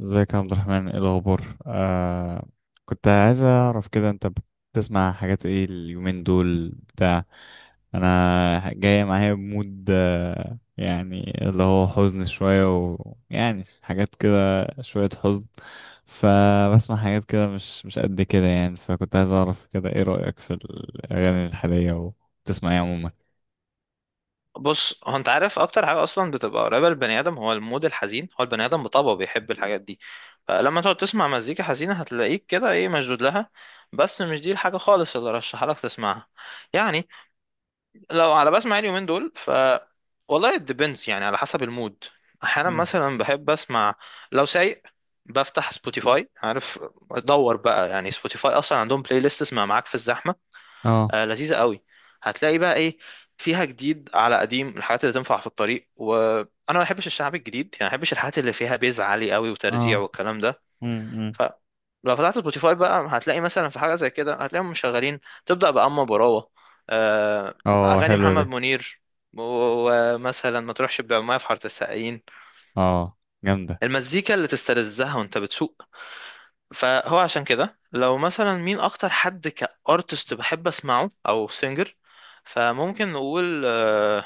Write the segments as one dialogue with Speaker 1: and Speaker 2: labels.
Speaker 1: ازيك يا عبد الرحمن؟ ايه الاخبار؟ كنت عايز اعرف كده، انت بتسمع حاجات ايه اليومين دول؟ بتاع انا جاي معايا بمود، يعني اللي هو حزن شوية، ويعني حاجات كده، شوية حزن. فبسمع حاجات كده مش قد كده يعني. فكنت عايز اعرف كده ايه رأيك في الاغاني الحالية، وبتسمع ايه عموما؟
Speaker 2: بص، هو انت عارف اكتر حاجه اصلا بتبقى قريبه للبني ادم هو المود الحزين. هو البني ادم بطبعه بيحب الحاجات دي. فلما تقعد تسمع مزيكا حزينه هتلاقيك كده ايه، مشدود لها. بس مش دي الحاجه خالص اللي رشحها لك تسمعها. يعني لو على بسمع إيه اليومين دول، والله ديبنس يعني، على حسب المود. احيانا
Speaker 1: مم.
Speaker 2: مثلا بحب اسمع، لو سايق بفتح سبوتيفاي، عارف، ادور بقى. يعني سبوتيفاي اصلا عندهم بلاي ليست اسمها معاك في الزحمه.
Speaker 1: اه،
Speaker 2: لذيذة قوي. هتلاقي بقى ايه فيها، جديد على قديم، الحاجات اللي تنفع في الطريق. وانا ما بحبش الشعب الجديد، يعني ما بحبش الحاجات اللي فيها بيز عالي قوي وترزيع
Speaker 1: اه.
Speaker 2: والكلام ده.
Speaker 1: امم.
Speaker 2: ف لو فتحت سبوتيفاي بقى هتلاقي مثلا في حاجة زي كده، هتلاقيهم مشغلين تبدأ بأما براوة، آه،
Speaker 1: اه،
Speaker 2: أغاني
Speaker 1: حلوة دي.
Speaker 2: محمد منير، ومثلا ما تروحش بعماية في حارة السقايين،
Speaker 1: اه، جامدة.
Speaker 2: المزيكا اللي تستلذها وانت بتسوق. فهو عشان كده، لو مثلا مين اكتر حد كارتست بحب اسمعه او سينجر، فممكن نقول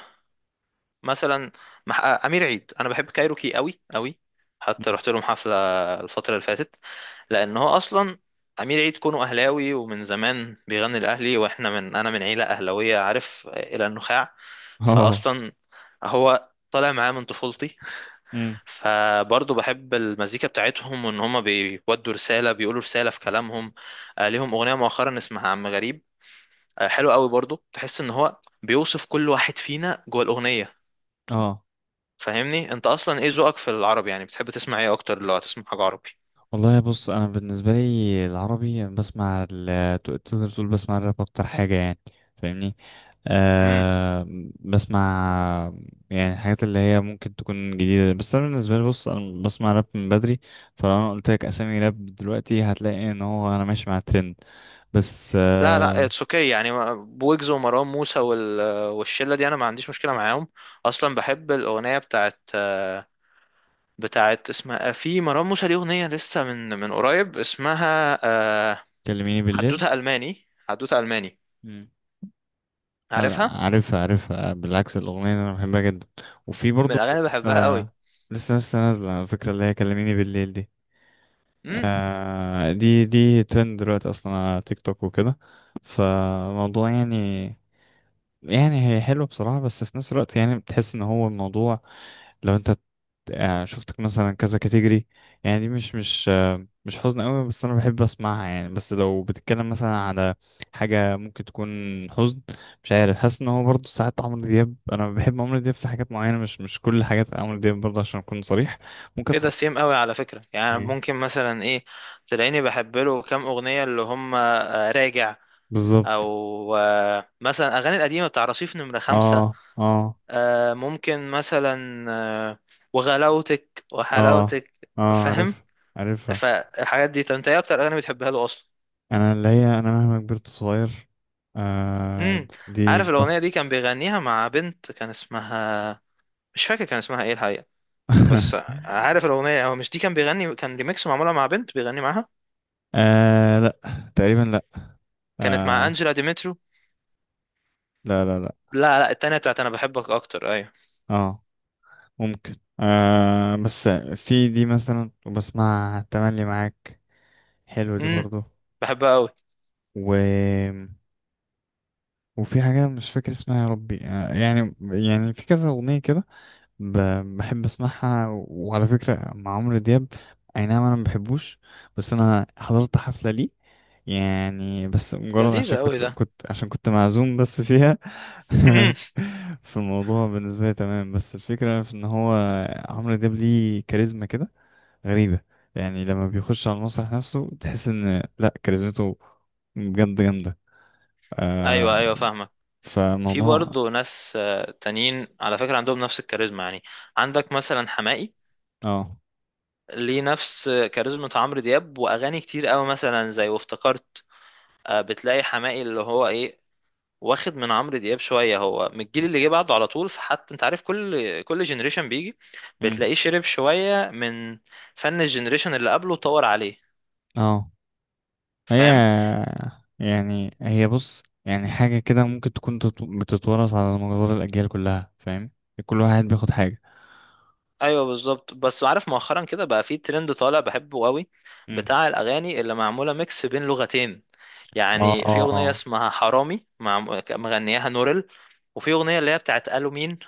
Speaker 2: مثلا امير عيد. انا بحب كايروكي قوي قوي، حتى
Speaker 1: مم.
Speaker 2: رحت لهم حفله الفتره اللي فاتت. لان هو اصلا امير عيد كونه اهلاوي ومن زمان بيغني الاهلي، واحنا انا من عيله اهلاويه، عارف، الى النخاع.
Speaker 1: اه.
Speaker 2: فاصلا هو طالع معاه من طفولتي.
Speaker 1: امم.
Speaker 2: فبرضه بحب المزيكا بتاعتهم، وان هما بيودوا رسالة، بيقولوا رسالة في كلامهم. ليهم أغنية مؤخرا اسمها عم غريب، حلو قوي برضه. تحس ان هو بيوصف كل واحد فينا جوه الأغنية.
Speaker 1: اه،
Speaker 2: فاهمني انت اصلا ايه ذوقك في العربي؟ يعني بتحب تسمع ايه اكتر لو هتسمع حاجة عربي؟
Speaker 1: والله بص، انا بالنسبه لي العربي أنا بسمع تقدر تقول بسمع الراب اكتر حاجه يعني. فاهمني؟
Speaker 2: امم،
Speaker 1: أه. بسمع يعني الحاجات اللي هي ممكن تكون جديده، بس انا بالنسبه لي، بص انا بسمع راب من بدري. فلو انا قلت لك اسامي راب دلوقتي هتلاقي ان هو انا ماشي مع الترند. بس
Speaker 2: لا لا،
Speaker 1: أه.
Speaker 2: اتس اوكي. يعني بويجز ومروان موسى والشلة دي انا ما عنديش مشكلة معاهم. اصلا بحب الأغنية بتاعت اسمها في مروان موسى ليه أغنية لسه، من قريب، اسمها
Speaker 1: كلميني بالليل.
Speaker 2: حدوته الماني.
Speaker 1: مم. لا، لا،
Speaker 2: عارفها؟
Speaker 1: عارفها، عارفها، بالعكس الاغنيه دي انا بحبها جدا. وفي
Speaker 2: من
Speaker 1: برضو
Speaker 2: الاغاني اللي
Speaker 1: لسه،
Speaker 2: بحبها قوي.
Speaker 1: لسه نازله على فكره، اللي هي كلميني بالليل دي.
Speaker 2: امم.
Speaker 1: دي ترند دلوقتي اصلا على تيك توك وكده. فموضوع يعني، يعني هي حلوه بصراحه، بس في نفس الوقت يعني بتحس ان هو الموضوع، لو انت شفتك مثلا كذا كاتيجوري، يعني دي مش حزن قوي، بس انا بحب اسمعها يعني. بس لو بتتكلم مثلا على حاجه ممكن تكون حزن، مش عارف، حاسس ان هو برضه ساعات عمرو دياب، انا بحب عمرو دياب في حاجات معينه، مش كل حاجات عمرو دياب برضه عشان اكون صريح. ممكن
Speaker 2: ايه ده،
Speaker 1: صعب.
Speaker 2: سيم قوي على فكره! يعني ممكن مثلا ايه، تلاقيني بحب له كام اغنيه، اللي هم راجع،
Speaker 1: بالظبط.
Speaker 2: او مثلا اغاني القديمه بتاع رصيف نمره خمسة.
Speaker 1: اه، اه.
Speaker 2: ممكن مثلا وغلاوتك
Speaker 1: اه،
Speaker 2: وحلاوتك،
Speaker 1: اه،
Speaker 2: فاهم؟
Speaker 1: عارف، عارفها.
Speaker 2: فالحاجات دي. طب انت ايه اكتر اغاني بتحبها له اصلا؟
Speaker 1: انا اللي هي انا مهما كبرت صغير،
Speaker 2: امم،
Speaker 1: دي
Speaker 2: عارف الاغنيه
Speaker 1: تحفة.
Speaker 2: دي كان بيغنيها مع بنت كان اسمها، مش فاكر كان اسمها ايه الحقيقه. بس عارف الأغنية؟ هو مش دي كان بيغني، كان ريميكس معمولة مع بنت بيغني معاها،
Speaker 1: لا، تقريبا لا.
Speaker 2: كانت مع
Speaker 1: آه
Speaker 2: أنجلا ديمترو.
Speaker 1: لا، لا، لا.
Speaker 2: لا لا، التانية، بتاعت أنا بحبك أكتر. أيوة.
Speaker 1: اه، ممكن بس في دي مثلا، وبسمع تملي معاك، حلو دي
Speaker 2: امم،
Speaker 1: برضو.
Speaker 2: بحبها أوي.
Speaker 1: و وفي حاجة مش فاكر اسمها يا ربي، يعني في كذا أغنية كده بحب اسمعها. وعلى فكرة مع عمرو دياب اي نعم انا ما بحبوش، بس انا حضرت حفلة ليه، يعني بس مجرد عشان
Speaker 2: لذيذة أوي
Speaker 1: كنت
Speaker 2: ده.
Speaker 1: كنت عشان كنت معزوم بس فيها. في الموضوع بالنسبة لي تمام، بس الفكرة في ان هو عمرو دياب ليه كاريزما كده غريبة، يعني لما بيخش على المسرح نفسه تحس ان لا، كاريزمته بجد جامدة
Speaker 2: أيوة
Speaker 1: آه
Speaker 2: أيوة، فاهمك. في
Speaker 1: فموضوع
Speaker 2: برضه ناس تانيين على فكرة عندهم نفس الكاريزما، يعني عندك مثلا حماقي،
Speaker 1: اه
Speaker 2: ليه نفس كاريزما عمرو دياب، وأغاني كتير أوي مثلا زي وافتكرت. بتلاقي حماقي اللي هو إيه، واخد من عمرو دياب شويه. هو من الجيل اللي جه بعده على طول، فحتى انت عارف، كل جنريشن بيجي
Speaker 1: مم.
Speaker 2: بتلاقيه شرب شويه من فن الجنريشن اللي قبله وطور عليه،
Speaker 1: اه، هي
Speaker 2: فاهم؟
Speaker 1: يعني هي، بص يعني حاجة كده ممكن تكون بتتورث على مدار الأجيال كلها، فاهم؟ كل واحد بياخد حاجة.
Speaker 2: ايوه بالظبط. بس عارف مؤخرا كده بقى في ترند طالع بحبه قوي،
Speaker 1: مم.
Speaker 2: بتاع الاغاني اللي معموله ميكس بين لغتين.
Speaker 1: اه،
Speaker 2: يعني
Speaker 1: اه،
Speaker 2: في اغنيه اسمها حرامي، مع مغنياها نورل. وفي اغنيه اللي هي بتاعت قالوا مين،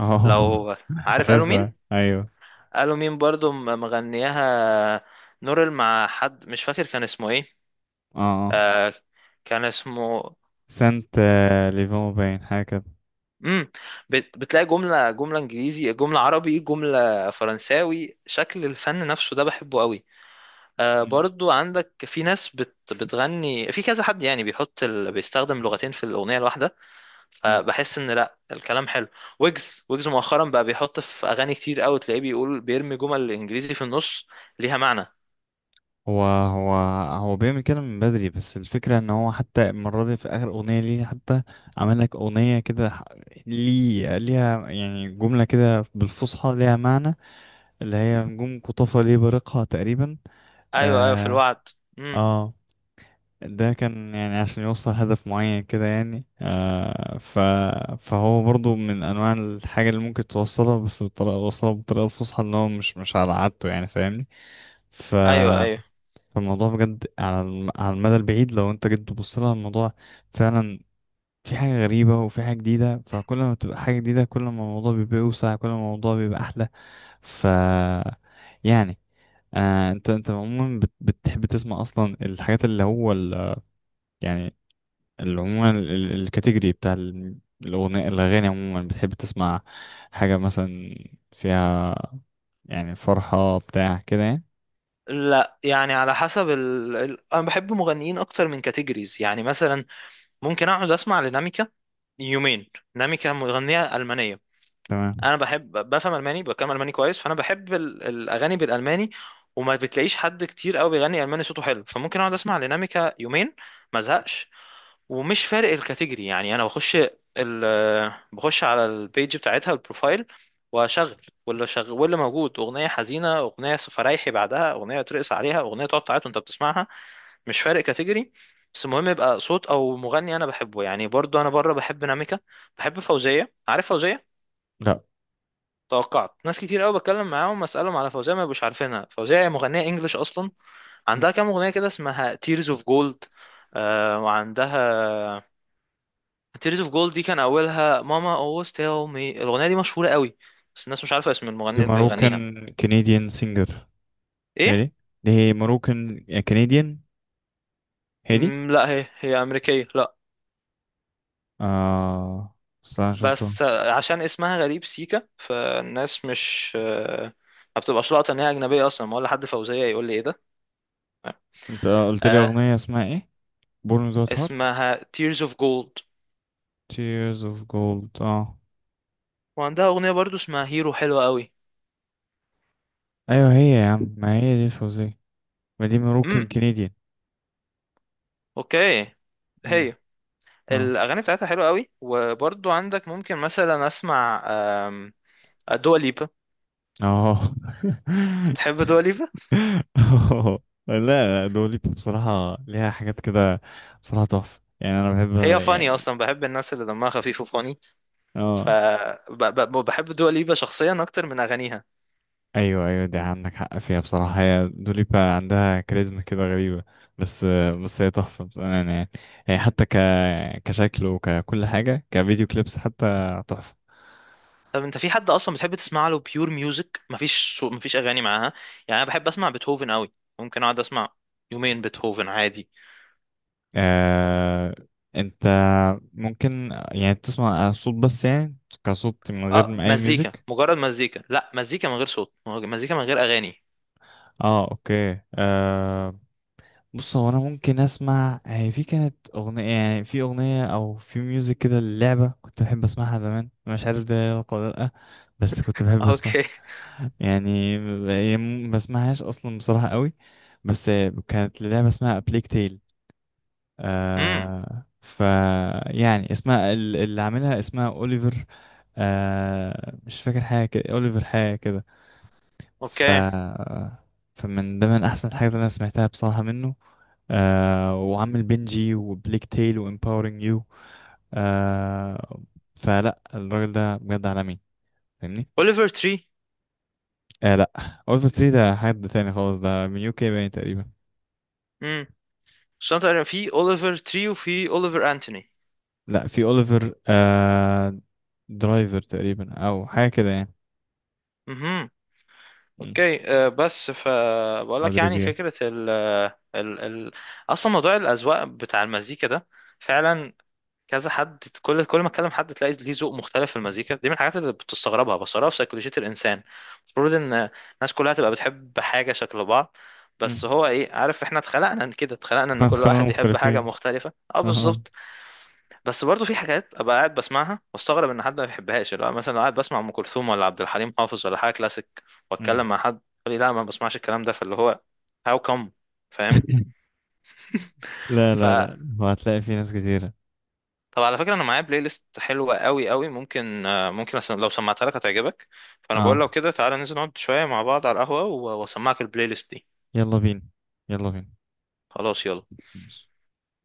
Speaker 1: اه.
Speaker 2: لو عارف قالوا
Speaker 1: عارفها،
Speaker 2: مين.
Speaker 1: أيوه.
Speaker 2: قالوا مين برضو مغنياها نورل، مع حد مش فاكر كان اسمه ايه.
Speaker 1: اه. آه.
Speaker 2: آه، كان اسمه،
Speaker 1: سانت ليفون باين حاجة كده.
Speaker 2: امم. بتلاقي جملة جملة انجليزي، جملة عربي، جملة فرنساوي. شكل الفن نفسه ده بحبه قوي. آه،
Speaker 1: مم.
Speaker 2: برضو عندك ناس بتغني في كذا حد، يعني بيحط بيستخدم لغتين في الأغنية الواحدة.
Speaker 1: مم.
Speaker 2: فبحس ان لا، الكلام حلو. ويجز، ويجز مؤخرا بقى بيحط في أغاني كتير قوي تلاقيه بيقول، بيرمي جمل انجليزي في النص ليها معنى.
Speaker 1: هو هو هو بيعمل كده من بدري، بس الفكرة ان هو حتى المرة دي في آخر أغنية ليه، حتى عمل لك أغنية كده ليه ليها يعني جملة كده بالفصحى ليها معنى، اللي هي نجوم قطافة ليه بارقها تقريبا.
Speaker 2: ايوه ايوه، في
Speaker 1: اه،
Speaker 2: الوعد. امم.
Speaker 1: اه. ده كان يعني عشان يوصل هدف معين كده يعني. آه ف فهو برضو من انواع الحاجة اللي ممكن توصلها، بس بطريقة وصلها بالطريقة الفصحى ان هو مش على عادته يعني، فاهمني؟ ف
Speaker 2: ايوه ايوه.
Speaker 1: فالموضوع بجد على على المدى البعيد، لو انت جيت تبص لها الموضوع، فعلا في حاجة غريبة وفي حاجة جديدة، فكل ما بتبقى حاجة جديدة كل ما الموضوع بيبقى أوسع، كل ما الموضوع بيبقى أحلى. ف يعني آه انت عموما بتحب تسمع اصلا الحاجات، اللي هو يعني اللي عموما الكاتيجوري بتاع الاغاني عموما بتحب تسمع حاجة مثلا فيها يعني فرحة بتاع كده يعني؟
Speaker 2: لا يعني على حسب انا بحب مغنيين اكتر من كاتيجوريز. يعني مثلا ممكن اقعد اسمع لناميكا يومين. ناميكا مغنية ألمانية،
Speaker 1: تمام.
Speaker 2: انا بحب، بفهم الماني، بتكلم الماني كويس، فانا بحب الاغاني بالالماني. وما بتلاقيش حد كتير قوي بيغني الماني صوته حلو، فممكن اقعد اسمع ديناميكا يومين ما ازهقش، ومش فارق الكاتيجوري. يعني انا بخش ال بخش على البيج بتاعتها، البروفايل، واشغل. واللي موجود، اغنيه حزينه، اغنيه فرايحي بعدها، اغنيه ترقص عليها، اغنيه تقعد تعيط وانت بتسمعها، مش فارق كاتيجوري. بس المهم يبقى صوت او مغني انا بحبه. يعني برضو انا بره بحب ناميكا، بحب فوزيه. عارف فوزيه؟
Speaker 1: لا،
Speaker 2: توقعت ناس كتير قوي بتكلم معاهم اسالهم على فوزية ما يبقوش عارفينها. فوزية هي مغنية انجلش اصلا، عندها كام اغنية كده اسمها تيرز اوف جولد. وعندها، تيرز اوف جولد دي كان اولها ماما always tell me. الاغنية دي مشهورة قوي، بس الناس مش عارفة اسم
Speaker 1: دي
Speaker 2: المغني اللي بيغنيها.
Speaker 1: ماروكان كنديان سينجر،
Speaker 2: ايه؟
Speaker 1: هادي. دي ماروكان كنديان، هادي.
Speaker 2: لا، هي هي امريكية، لا.
Speaker 1: اه، استنى، شفته.
Speaker 2: بس عشان اسمها غريب، سيكا، فالناس مش ما بتبقاش لاقطة ان هي اجنبية اصلا. ما ولا حد فوزية يقول لي ايه ده.
Speaker 1: انت قلت لي
Speaker 2: آه،
Speaker 1: اغنية اسمها ايه؟ Born Without Heart.
Speaker 2: اسمها Tears of Gold.
Speaker 1: Tears of Gold. اه.
Speaker 2: وعندها اغنيه برضو اسمها هيرو، حلوه قوي.
Speaker 1: ايوه، هي يا عم ما هي دي فوزية. ما دي مروكن
Speaker 2: امم،
Speaker 1: كنديان.
Speaker 2: اوكي.
Speaker 1: امم.
Speaker 2: هي
Speaker 1: اه،
Speaker 2: الاغاني بتاعتها حلوه قوي. وبرضو عندك ممكن مثلا اسمع دوا ليبا.
Speaker 1: اه.
Speaker 2: تحب دوا ليبا؟
Speaker 1: آه. لا، دولي بصراحة ليها حاجات كده، بصراحة تحفة يعني. أنا بحب
Speaker 2: هي فاني
Speaker 1: يعني.
Speaker 2: اصلا، بحب الناس اللي دمها خفيف وفاني.
Speaker 1: اه.
Speaker 2: فبحب دوا ليبا شخصيا اكتر من اغانيها.
Speaker 1: أيوه، أيوه، دي عندك حق فيها بصراحة، هي دوليبا عندها كاريزما كده غريبة، بس هي تحفة بأمانة يعني. هي حتى كشكل وككل حاجة كفيديو كليبس حتى تحفة.
Speaker 2: طب انت في حد اصلا بتحب تسمع له بيور ميوزك؟ مفيش اغاني معاها. يعني انا بحب اسمع بيتهوفن قوي، ممكن اقعد اسمع يومين بيتهوفن عادي.
Speaker 1: آه... أنت ممكن يعني تسمع صوت بس، يعني كصوت من غير
Speaker 2: اه،
Speaker 1: أي
Speaker 2: مزيكا،
Speaker 1: ميوزك؟
Speaker 2: مجرد مزيكا، لا، مزيكا من غير صوت، مزيكا من غير اغاني.
Speaker 1: اه، اوكي. بص هو انا ممكن اسمع، هي في كانت اغنيه يعني، في اغنيه او في ميوزك كده للعبه كنت بحب اسمعها زمان، مش عارف ده يلقى ولا لا، بس كنت بحب اسمعها
Speaker 2: اوكي.
Speaker 1: يعني. هي ما بسمعهاش اصلا بصراحه قوي، بس كانت لعبه اسمها بليك تيل.
Speaker 2: امم.
Speaker 1: آه ف يعني اسمها اللي عاملها اسمها اوليفر، مش فاكر حاجه كده، اوليفر حاجه كده. ف
Speaker 2: اوكي،
Speaker 1: فمن ضمن احسن الحاجات اللي انا سمعتها بصراحه منه، وعامل بنجي وبليك تيل وامباورنج يو آه فلا الراجل ده بجد عالمي، فاهمني؟
Speaker 2: اوليفر تري.
Speaker 1: لا، اوليفر تري ده حد تاني خالص، ده من UK باين تقريبا.
Speaker 2: امم، عشان تقريبا في اوليفر تري وفي اوليفر انتوني.
Speaker 1: لا، في اوليفر درايفر تقريبا او حاجه كده يعني.
Speaker 2: امم.
Speaker 1: مم.
Speaker 2: اوكي أه. بس فبقول
Speaker 1: او
Speaker 2: لك، يعني
Speaker 1: دريفير.
Speaker 2: فكره ال ال ال اصلا موضوع الاذواق بتاع المزيكا ده فعلا، كذا حد، كل ما اتكلم حد تلاقي ليه ذوق مختلف في المزيكا. دي من الحاجات اللي بتستغربها بصراحه في سيكولوجيه الانسان. المفروض ان الناس كلها تبقى بتحب حاجه شكل بعض، بس
Speaker 1: مم.
Speaker 2: هو ايه، عارف، احنا اتخلقنا كده، اتخلقنا ان
Speaker 1: احنا
Speaker 2: كل
Speaker 1: خلينا
Speaker 2: واحد يحب حاجه
Speaker 1: مختلفين.
Speaker 2: مختلفه. اه
Speaker 1: اه.
Speaker 2: بالظبط. بس برضو في حاجات ابقى قاعد بسمعها واستغرب ان حد ما بيحبهاش. اللي هو مثلا لو قاعد بسمع ام كلثوم، ولا عبد الحليم حافظ، ولا حاجه كلاسيك،
Speaker 1: مم.
Speaker 2: واتكلم مع حد يقول لي لا ما بسمعش الكلام ده، فاللي هو هاو كم؟ فاهم؟
Speaker 1: لا،
Speaker 2: ف
Speaker 1: لا، لا، وهتلاقي في ناس كتيرة.
Speaker 2: طب على فكره، انا معايا بلاي ليست حلوه قوي قوي. ممكن ممكن لو سمعتها لك هتعجبك. فانا بقول
Speaker 1: اه.
Speaker 2: لو كده تعالى ننزل نقعد شويه مع بعض على القهوه، واسمعك البلاي ليست دي.
Speaker 1: يلا بينا، يلا بينا.
Speaker 2: خلاص، يلا.